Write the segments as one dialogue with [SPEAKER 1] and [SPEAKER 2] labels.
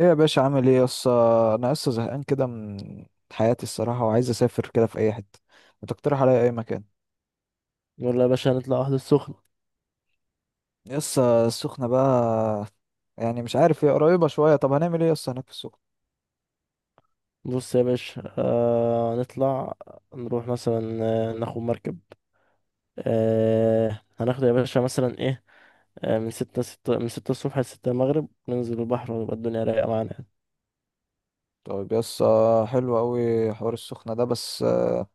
[SPEAKER 1] ايه يا باشا عامل ايه يس؟ انا لسه زهقان كده من حياتي الصراحه، وعايز اسافر كده في اي حته. ما تقترح عليا اي مكان؟
[SPEAKER 2] يلا يا باشا هنطلع واحدة السخنة.
[SPEAKER 1] يس السخنه بقى، يعني مش عارف، هي قريبه شويه. طب هنعمل ايه يس هناك في السخنه؟
[SPEAKER 2] بص يا باشا هنطلع، نروح مثلا، ناخد مركب، هناخد يا باشا مثلا ايه، من ستة ستة من 6 الصبح ل6 المغرب، ننزل البحر ويبقى الدنيا رايقة معانا يعني.
[SPEAKER 1] طيب يس، حلو قوي حوار السخنه ده. بس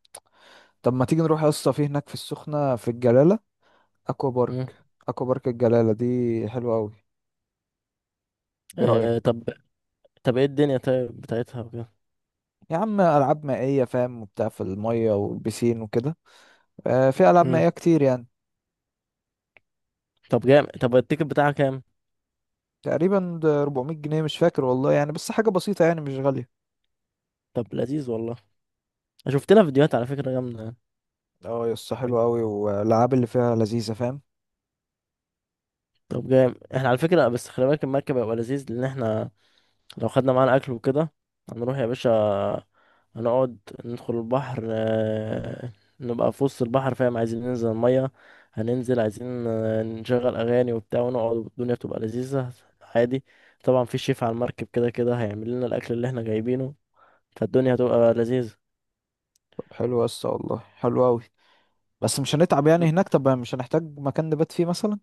[SPEAKER 1] طب ما تيجي نروح يس في هناك في السخنه في الجلاله اكوا بارك.
[SPEAKER 2] مم.
[SPEAKER 1] اكوا بارك الجلاله دي حلوه قوي. ايه
[SPEAKER 2] آه
[SPEAKER 1] رايك؟
[SPEAKER 2] طب طب ايه الدنيا طيب بتاعتها وكده.
[SPEAKER 1] يا عم العاب مائيه فاهم، وبتاع في الميه والبسين وكده. في العاب
[SPEAKER 2] مم.
[SPEAKER 1] مائيه كتير يعني.
[SPEAKER 2] طب جامد. طب التيكت بتاعها كام؟
[SPEAKER 1] تقريبا ده 400 جنيه، مش فاكر والله، يعني بس حاجة بسيطة، يعني مش غالية.
[SPEAKER 2] طب لذيذ والله، شفت لها فيديوهات على فكرة جامدة يعني.
[SPEAKER 1] اه يا اسطى، حلوة أوي، والألعاب اللي فيها لذيذة فاهم.
[SPEAKER 2] طب جامد. احنا على فكرة، بس خلي بالك المركب هيبقى لذيذ، لأن احنا لو خدنا معانا اكل وكده هنروح يا باشا، هنقعد، ندخل البحر، نبقى في وسط البحر فاهم، عايزين ننزل المية، هننزل عايزين نشغل أغاني وبتاع ونقعد والدنيا بتبقى لذيذة عادي. طبعا في شيف على المركب كده كده هيعمل لنا الأكل اللي احنا جايبينه، فالدنيا هتبقى لذيذة.
[SPEAKER 1] طب حلو يا اسطى والله، حلو أوي. بس مش هنتعب يعني
[SPEAKER 2] م-
[SPEAKER 1] هناك؟ طب مش هنحتاج مكان نبات فيه مثلا؟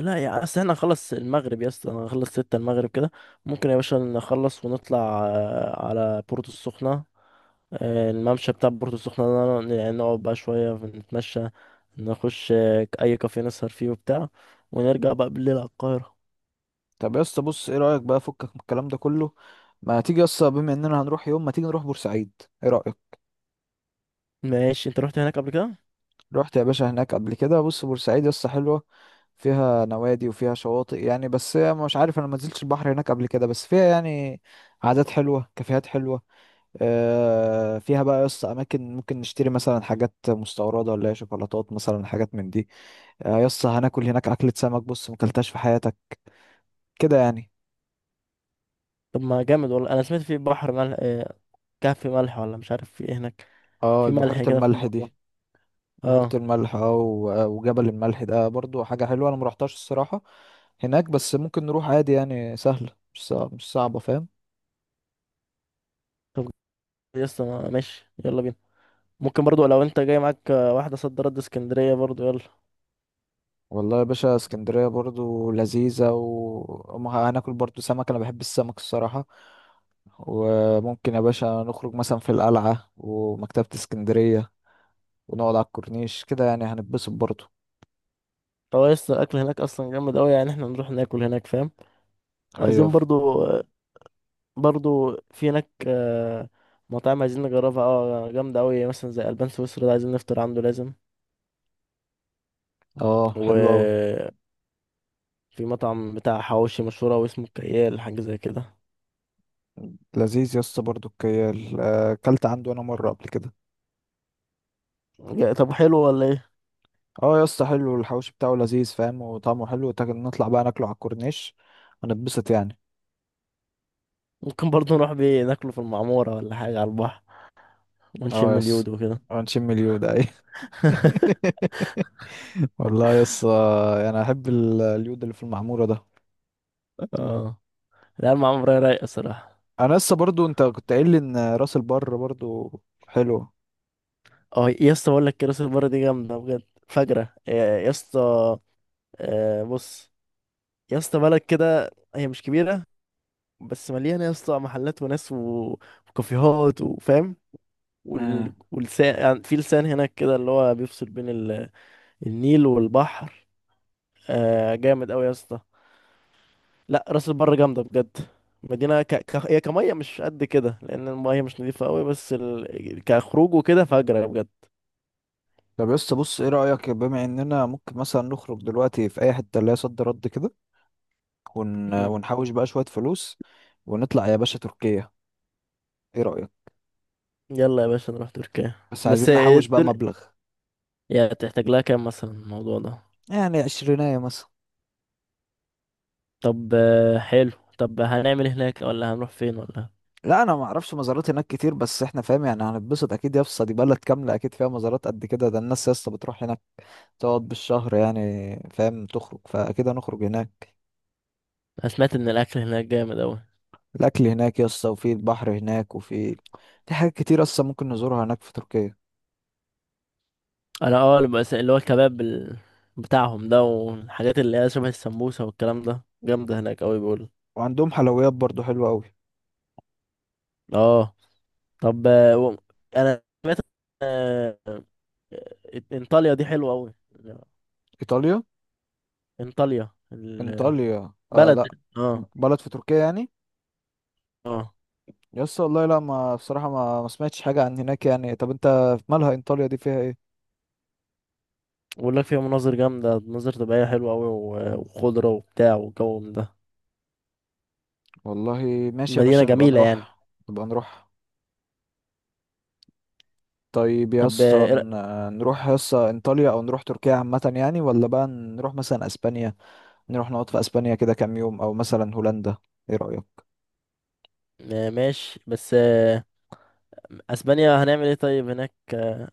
[SPEAKER 2] لا، يا أصل احنا نخلص المغرب يا اسطى، هنخلص 6 المغرب كده، ممكن يا باشا نخلص ونطلع على بورتو السخنة، الممشى بتاع بورتو السخنة ده يعني نقعد بقى شوية نتمشى، نخش أي كافيه نسهر فيه وبتاع، ونرجع بقى بالليل على القاهرة.
[SPEAKER 1] طب يا اسطى بص، ايه رأيك بقى؟ فكك من الكلام ده كله. ما تيجي يا اسطى، بما اننا هنروح يوم، ما تيجي نروح بورسعيد. ايه رأيك؟
[SPEAKER 2] ماشي، انت رحت هناك قبل كده؟
[SPEAKER 1] رحت يا باشا هناك قبل كده. بص بورسعيد يا اسطى حلوة، فيها نوادي وفيها شواطئ يعني. بس هي مش عارف، انا ما نزلتش البحر هناك قبل كده، بس فيها يعني عادات حلوة، كافيهات حلوة. فيها بقى يس اماكن ممكن نشتري مثلا حاجات مستورده، ولا هي شوكولاتات مثلا، حاجات من دي. يس هناكل هناك اكله سمك، بص مكلتهاش في حياتك كده يعني.
[SPEAKER 2] طب ما جامد والله، أنا سمعت في بحر ملح، كهف ملح ولا مش عارف في ايه هناك،
[SPEAKER 1] اه
[SPEAKER 2] في
[SPEAKER 1] البحيره
[SPEAKER 2] ملح كده في
[SPEAKER 1] الملح
[SPEAKER 2] الموضوع.
[SPEAKER 1] دي، بحيره
[SPEAKER 2] اه.
[SPEAKER 1] الملح اه وجبل الملح ده برضو حاجه حلوه. انا مروحتهاش الصراحه هناك، بس ممكن نروح عادي يعني، سهله، مش صعبه فاهم.
[SPEAKER 2] طب يسطا ماشي يلا بينا، ممكن برضو لو انت جاي معاك واحدة صد رد اسكندرية برضو، يلا.
[SPEAKER 1] والله يا باشا، اسكندرية برضو لذيذة، وهناكل برضو سمك، أنا بحب السمك الصراحة. وممكن يا باشا نخرج مثلا في القلعة ومكتبة اسكندرية، ونقعد على الكورنيش كده، يعني هنتبسط برضو.
[SPEAKER 2] هو يسطا الأكل هناك أصلا جامد أوي يعني، احنا نروح ناكل هناك فاهم،
[SPEAKER 1] ايوه.
[SPEAKER 2] وعايزين برضو برضو في هناك مطاعم عايزين نجربها، اه جامدة أوي، مثلا زي ألبان سويسرا ده عايزين نفطر عنده لازم.
[SPEAKER 1] اه حلو أوي.
[SPEAKER 2] وفي مطعم بتاع حواوشي مشهور أوي اسمه كيال، حاجة زي كده.
[SPEAKER 1] لذيذ يا اسطى برضو الكيال، أكلت عنده أنا مرة قبل كده.
[SPEAKER 2] طب حلو ولا ايه؟
[SPEAKER 1] اه يا اسطى حلو، الحوش بتاعه لذيذ فاهم، وطعمه حلو، نطلع بقى ناكله على الكورنيش، هنتبسط يعني.
[SPEAKER 2] ممكن برضو نروح بيه ناكله في المعمورة ولا حاجة على البحر،
[SPEAKER 1] اه
[SPEAKER 2] ونشم
[SPEAKER 1] يا اسطى،
[SPEAKER 2] اليود وكده.
[SPEAKER 1] ونشم اليود اي والله يس، انا احب اليود اللي في المعموره ده.
[SPEAKER 2] اه، لا المعمورة رايقة صراحة.
[SPEAKER 1] انا لسه برضو، انت كنت قايل لي ان راس البر برضو حلو.
[SPEAKER 2] اه يا اسطى، بقول لك كراسي البرة دي جامدة بجد، فجرة يا اسطى، بص يا اسطى، بلد كده هي مش كبيرة، بس مليانه يا اسطى محلات وناس وكافيهات، وفاهم،
[SPEAKER 1] امم.
[SPEAKER 2] واللسان، يعني في لسان هناك كده اللي هو بيفصل بين النيل والبحر. آه جامد قوي يا اسطى، لا راس البر جامده بجد. مدينه هي كميه مش قد كده لان الميه مش نظيفه قوي، بس كخروج وكده فجره بجد.
[SPEAKER 1] طب يس بص، ايه رايك بما اننا ممكن مثلا نخرج دلوقتي في اي حته اللي هي صد رد كده،
[SPEAKER 2] مم.
[SPEAKER 1] ونحوش بقى شويه فلوس، ونطلع يا باشا تركيا. ايه رايك؟
[SPEAKER 2] يلا يا باشا نروح تركيا.
[SPEAKER 1] بس
[SPEAKER 2] بس
[SPEAKER 1] عايزين نحوش بقى
[SPEAKER 2] الدنيا
[SPEAKER 1] مبلغ.
[SPEAKER 2] يعني تحتاج لها كام مثلا الموضوع ده؟
[SPEAKER 1] يعني عشرينية مثلا.
[SPEAKER 2] طب حلو. طب هنعمل هناك ولا هنروح فين ولا؟
[SPEAKER 1] لا انا ما اعرفش مزارات هناك كتير، بس احنا فاهم يعني هنتبسط اكيد. يا اسطى دي بلد كامله، اكيد فيها مزارات قد كده. ده الناس يا اسطى بتروح هناك تقعد بالشهر يعني، فاهم، تخرج، فاكيد هنخرج هناك.
[SPEAKER 2] انا سمعت ان الاكل هناك جامد اوي.
[SPEAKER 1] الاكل هناك يسطا، وفي البحر هناك، وفي حاجات كتير اصلا ممكن نزورها هناك في تركيا.
[SPEAKER 2] انا اه اللي اللي هو الكباب بتاعهم ده، والحاجات اللي هي شبه السمبوسه والكلام ده جامده هناك قوي بيقول.
[SPEAKER 1] وعندهم حلويات برضو حلوه قوي.
[SPEAKER 2] اه، طب انا سمعت، آه، آه، انطاليا دي حلوه قوي،
[SPEAKER 1] ايطاليا؟
[SPEAKER 2] انطاليا البلد.
[SPEAKER 1] انطاليا آه، لا
[SPEAKER 2] اه.
[SPEAKER 1] بلد في تركيا يعني.
[SPEAKER 2] اه،
[SPEAKER 1] يسطا والله لا، ما بصراحه ما سمعتش حاجه عن هناك يعني. طب انت مالها انطاليا دي، فيها ايه؟
[SPEAKER 2] بقول لك فيها مناظر جامده، مناظر طبيعيه حلوه قوي، وخضره وبتاع، والجو من ده،
[SPEAKER 1] والله ماشي يا باشا،
[SPEAKER 2] مدينه
[SPEAKER 1] نبقى
[SPEAKER 2] جميله يعني.
[SPEAKER 1] نروح. نبقى نروح. طيب يا
[SPEAKER 2] طب
[SPEAKER 1] اسطى
[SPEAKER 2] إيه
[SPEAKER 1] نروح يا اسطى انطاليا، او نروح تركيا عامه يعني، ولا بقى نروح مثلا اسبانيا، نروح نقعد في اسبانيا كده كام يوم، او مثلا هولندا. ايه رأيك؟
[SPEAKER 2] ماشي، بس اسبانيا هنعمل ايه طيب هناك،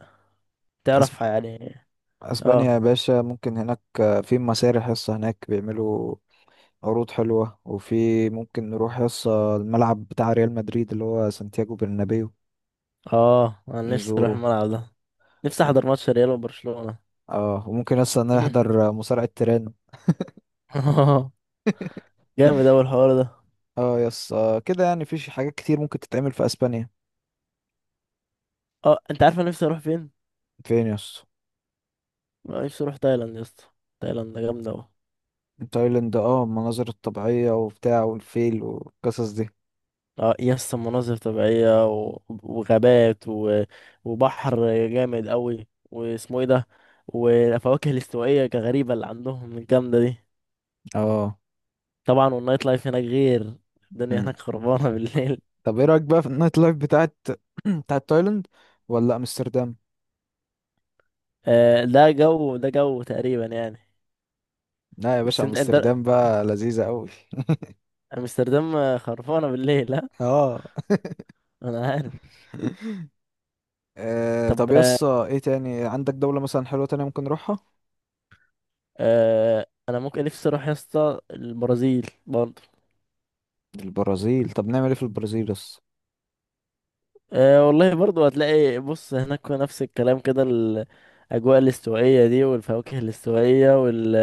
[SPEAKER 1] أسب...
[SPEAKER 2] تعرف يعني.
[SPEAKER 1] اسبانيا
[SPEAKER 2] اه.
[SPEAKER 1] يا باشا ممكن هناك في مسارح حصة هناك بيعملوا عروض حلوة، وفي ممكن نروح حصة الملعب بتاع ريال مدريد اللي هو سانتياغو برنابيو،
[SPEAKER 2] اه، انا نفسي اروح
[SPEAKER 1] نزوره.
[SPEAKER 2] الملعب ده، نفسي احضر ماتش ريال وبرشلونة.
[SPEAKER 1] اه وممكن لسه نحضر مصارعة تيران.
[SPEAKER 2] اه جامد اوي الحوار ده.
[SPEAKER 1] اه يس كده يعني في حاجات كتير ممكن تتعمل في اسبانيا.
[SPEAKER 2] اه، انت عارف انا نفسي اروح فين؟
[SPEAKER 1] فين يس؟
[SPEAKER 2] أنا نفسي اروح تايلاند يا اسطى، تايلاند جامده اوي.
[SPEAKER 1] تايلاند، اه المناظر الطبيعية وبتاع والفيل والقصص دي.
[SPEAKER 2] اه يا اسطى، مناظر طبيعيه وغابات وبحر جامد اوي، واسمه ايه ده، والفواكه الاستوائيه غريبه اللي عندهم الجامده دي.
[SPEAKER 1] اه
[SPEAKER 2] طبعا والنايت لايف هناك غير، الدنيا هناك خربانه بالليل.
[SPEAKER 1] طب ايه رايك بقى في النايت لايف بتاعت بتاعت تايلاند، ولا امستردام؟
[SPEAKER 2] آه ده جو، ده جو تقريبا يعني.
[SPEAKER 1] لا يا باشا
[SPEAKER 2] بس انت
[SPEAKER 1] امستردام بقى لذيذه قوي.
[SPEAKER 2] امستردام خرفانه بالليل ها؟
[SPEAKER 1] اه.
[SPEAKER 2] انا عارف. طب
[SPEAKER 1] طب يس، ايه تاني عندك دولة مثلا حلوة تانية ممكن نروحها؟
[SPEAKER 2] آه، انا ممكن نفسي اروح يا اسطى البرازيل برضه.
[SPEAKER 1] البرازيل؟ طب نعمل ايه في البرازيل يس؟
[SPEAKER 2] آه والله برضه هتلاقي، بص هناك نفس الكلام كده، الاجواء الاستوائيه دي، والفواكه الاستوائيه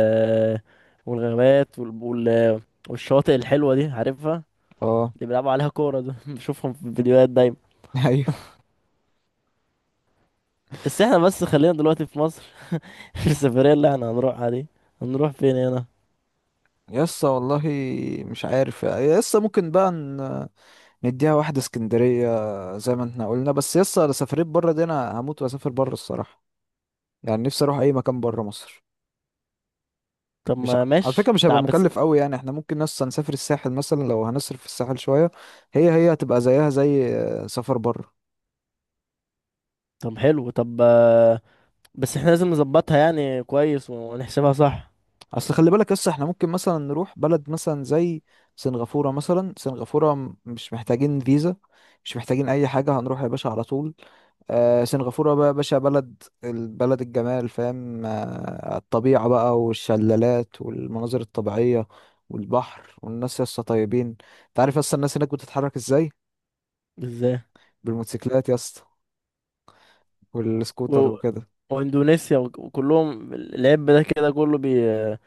[SPEAKER 2] والغابات والشواطئ الحلوه دي عارفها،
[SPEAKER 1] اه.
[SPEAKER 2] اللي بيلعبوا عليها كوره ده بشوفهم في الفيديوهات دايما.
[SPEAKER 1] ايوه.
[SPEAKER 2] بس احنا بس خلينا دلوقتي في مصر، في السفريه اللي احنا هنروحها دي، هنروح فين هنا؟
[SPEAKER 1] يس والله مش عارف يس، ممكن بقى نديها واحدة اسكندرية زي ما احنا قلنا. بس يس انا سافرت بره دي، انا هموت واسافر بره الصراحة، يعني نفسي اروح اي مكان بره مصر.
[SPEAKER 2] طب
[SPEAKER 1] مش ع-
[SPEAKER 2] ما
[SPEAKER 1] على فكرة
[SPEAKER 2] ماشي
[SPEAKER 1] مش هيبقى
[SPEAKER 2] بس.
[SPEAKER 1] مكلف قوي يعني، احنا ممكن نص نسافر الساحل مثلا، لو هنصرف في الساحل شوية، هي هتبقى زيها زي سفر بره.
[SPEAKER 2] طب حلو، طب بس احنا لازم نظبطها يعني كويس، ونحسبها صح.
[SPEAKER 1] اصل خلي بالك لسه احنا ممكن مثلا نروح بلد مثلا زي سنغافورة مثلا. سنغافورة مش محتاجين فيزا، مش محتاجين اي حاجة، هنروح يا باشا على طول. آه سنغافورة بقى يا باشا بلد، البلد الجمال فاهم. آه الطبيعة بقى، والشلالات، والمناظر الطبيعية، والبحر، والناس يا اسطى طيبين. انت عارف اصلا الناس هناك بتتحرك ازاي؟
[SPEAKER 2] ازاي؟
[SPEAKER 1] بالموتوسيكلات يا اسطى، والسكوتر
[SPEAKER 2] و...
[SPEAKER 1] وكده.
[SPEAKER 2] واندونيسيا وكلهم، العب ده كده كله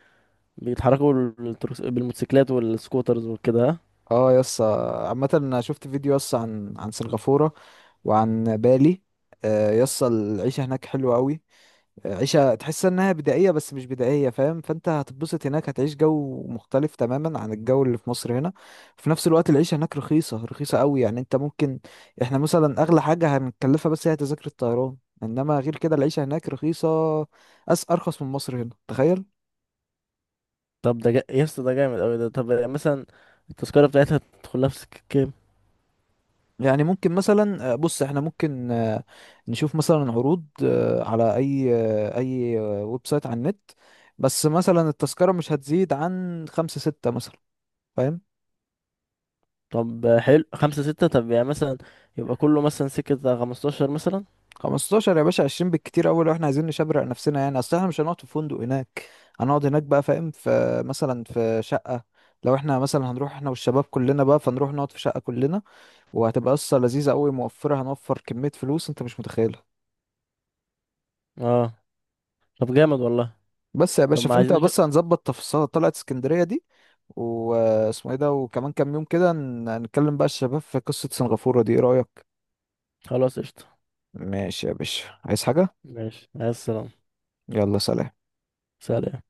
[SPEAKER 2] بيتحركوا بالموتوسيكلات والسكوترز وكده، ها؟
[SPEAKER 1] اه يس عامة، انا شفت فيديو يس عن سنغافورة وعن بالي. يس العيشة هناك حلوة قوي. عيشة تحس انها بدائية، بس مش بدائية فاهم. فانت هتتبسط هناك، هتعيش جو مختلف تماما عن الجو اللي في مصر هنا. في نفس الوقت العيشة هناك رخيصة، رخيصة قوي يعني. انت ممكن، احنا مثلا اغلى حاجة هنكلفها بس هي تذاكر الطيران، انما غير كده العيشة هناك رخيصة، أرخص من مصر هنا، تخيل.
[SPEAKER 2] طب يا اسطى ده جامد اوي ده، طب يعني مثلا التذكرة بتاعتها تدخلها في سكة كام؟
[SPEAKER 1] يعني ممكن مثلا بص احنا ممكن نشوف مثلا عروض على اي ويب سايت على النت. بس مثلا التذكرة مش هتزيد عن خمسة ستة مثلا فاهم.
[SPEAKER 2] طب حلو، خمسة ستة. طب يعني مثلا يبقى كله مثلا سكة 15 مثلا.
[SPEAKER 1] 15 يا باشا، 20 بالكتير أوي لو احنا عايزين نشبرق نفسنا، يعني اصل احنا مش هنقعد في فندق هناك، هنقعد هناك بقى فاهم في مثلا في شقة. لو احنا مثلا هنروح احنا والشباب كلنا بقى، فنروح نقعد في شقة كلنا، وهتبقى قصة لذيذة أوي موفرة، هنوفر كمية فلوس انت مش متخيل.
[SPEAKER 2] اه طب جامد والله.
[SPEAKER 1] بس يا
[SPEAKER 2] طب
[SPEAKER 1] باشا،
[SPEAKER 2] ما
[SPEAKER 1] فانت
[SPEAKER 2] عايزين نشوف.
[SPEAKER 1] بس هنظبط تفاصيل طلعت اسكندرية دي، واسمه ايه ده، وكمان كام يوم كده هنتكلم بقى الشباب في قصة سنغافورة دي. ايه رأيك؟
[SPEAKER 2] خلاص، قشطة.
[SPEAKER 1] ماشي يا باشا، عايز حاجة؟
[SPEAKER 2] ماشي، عايز السلامة.
[SPEAKER 1] يلا سلام.
[SPEAKER 2] سلام.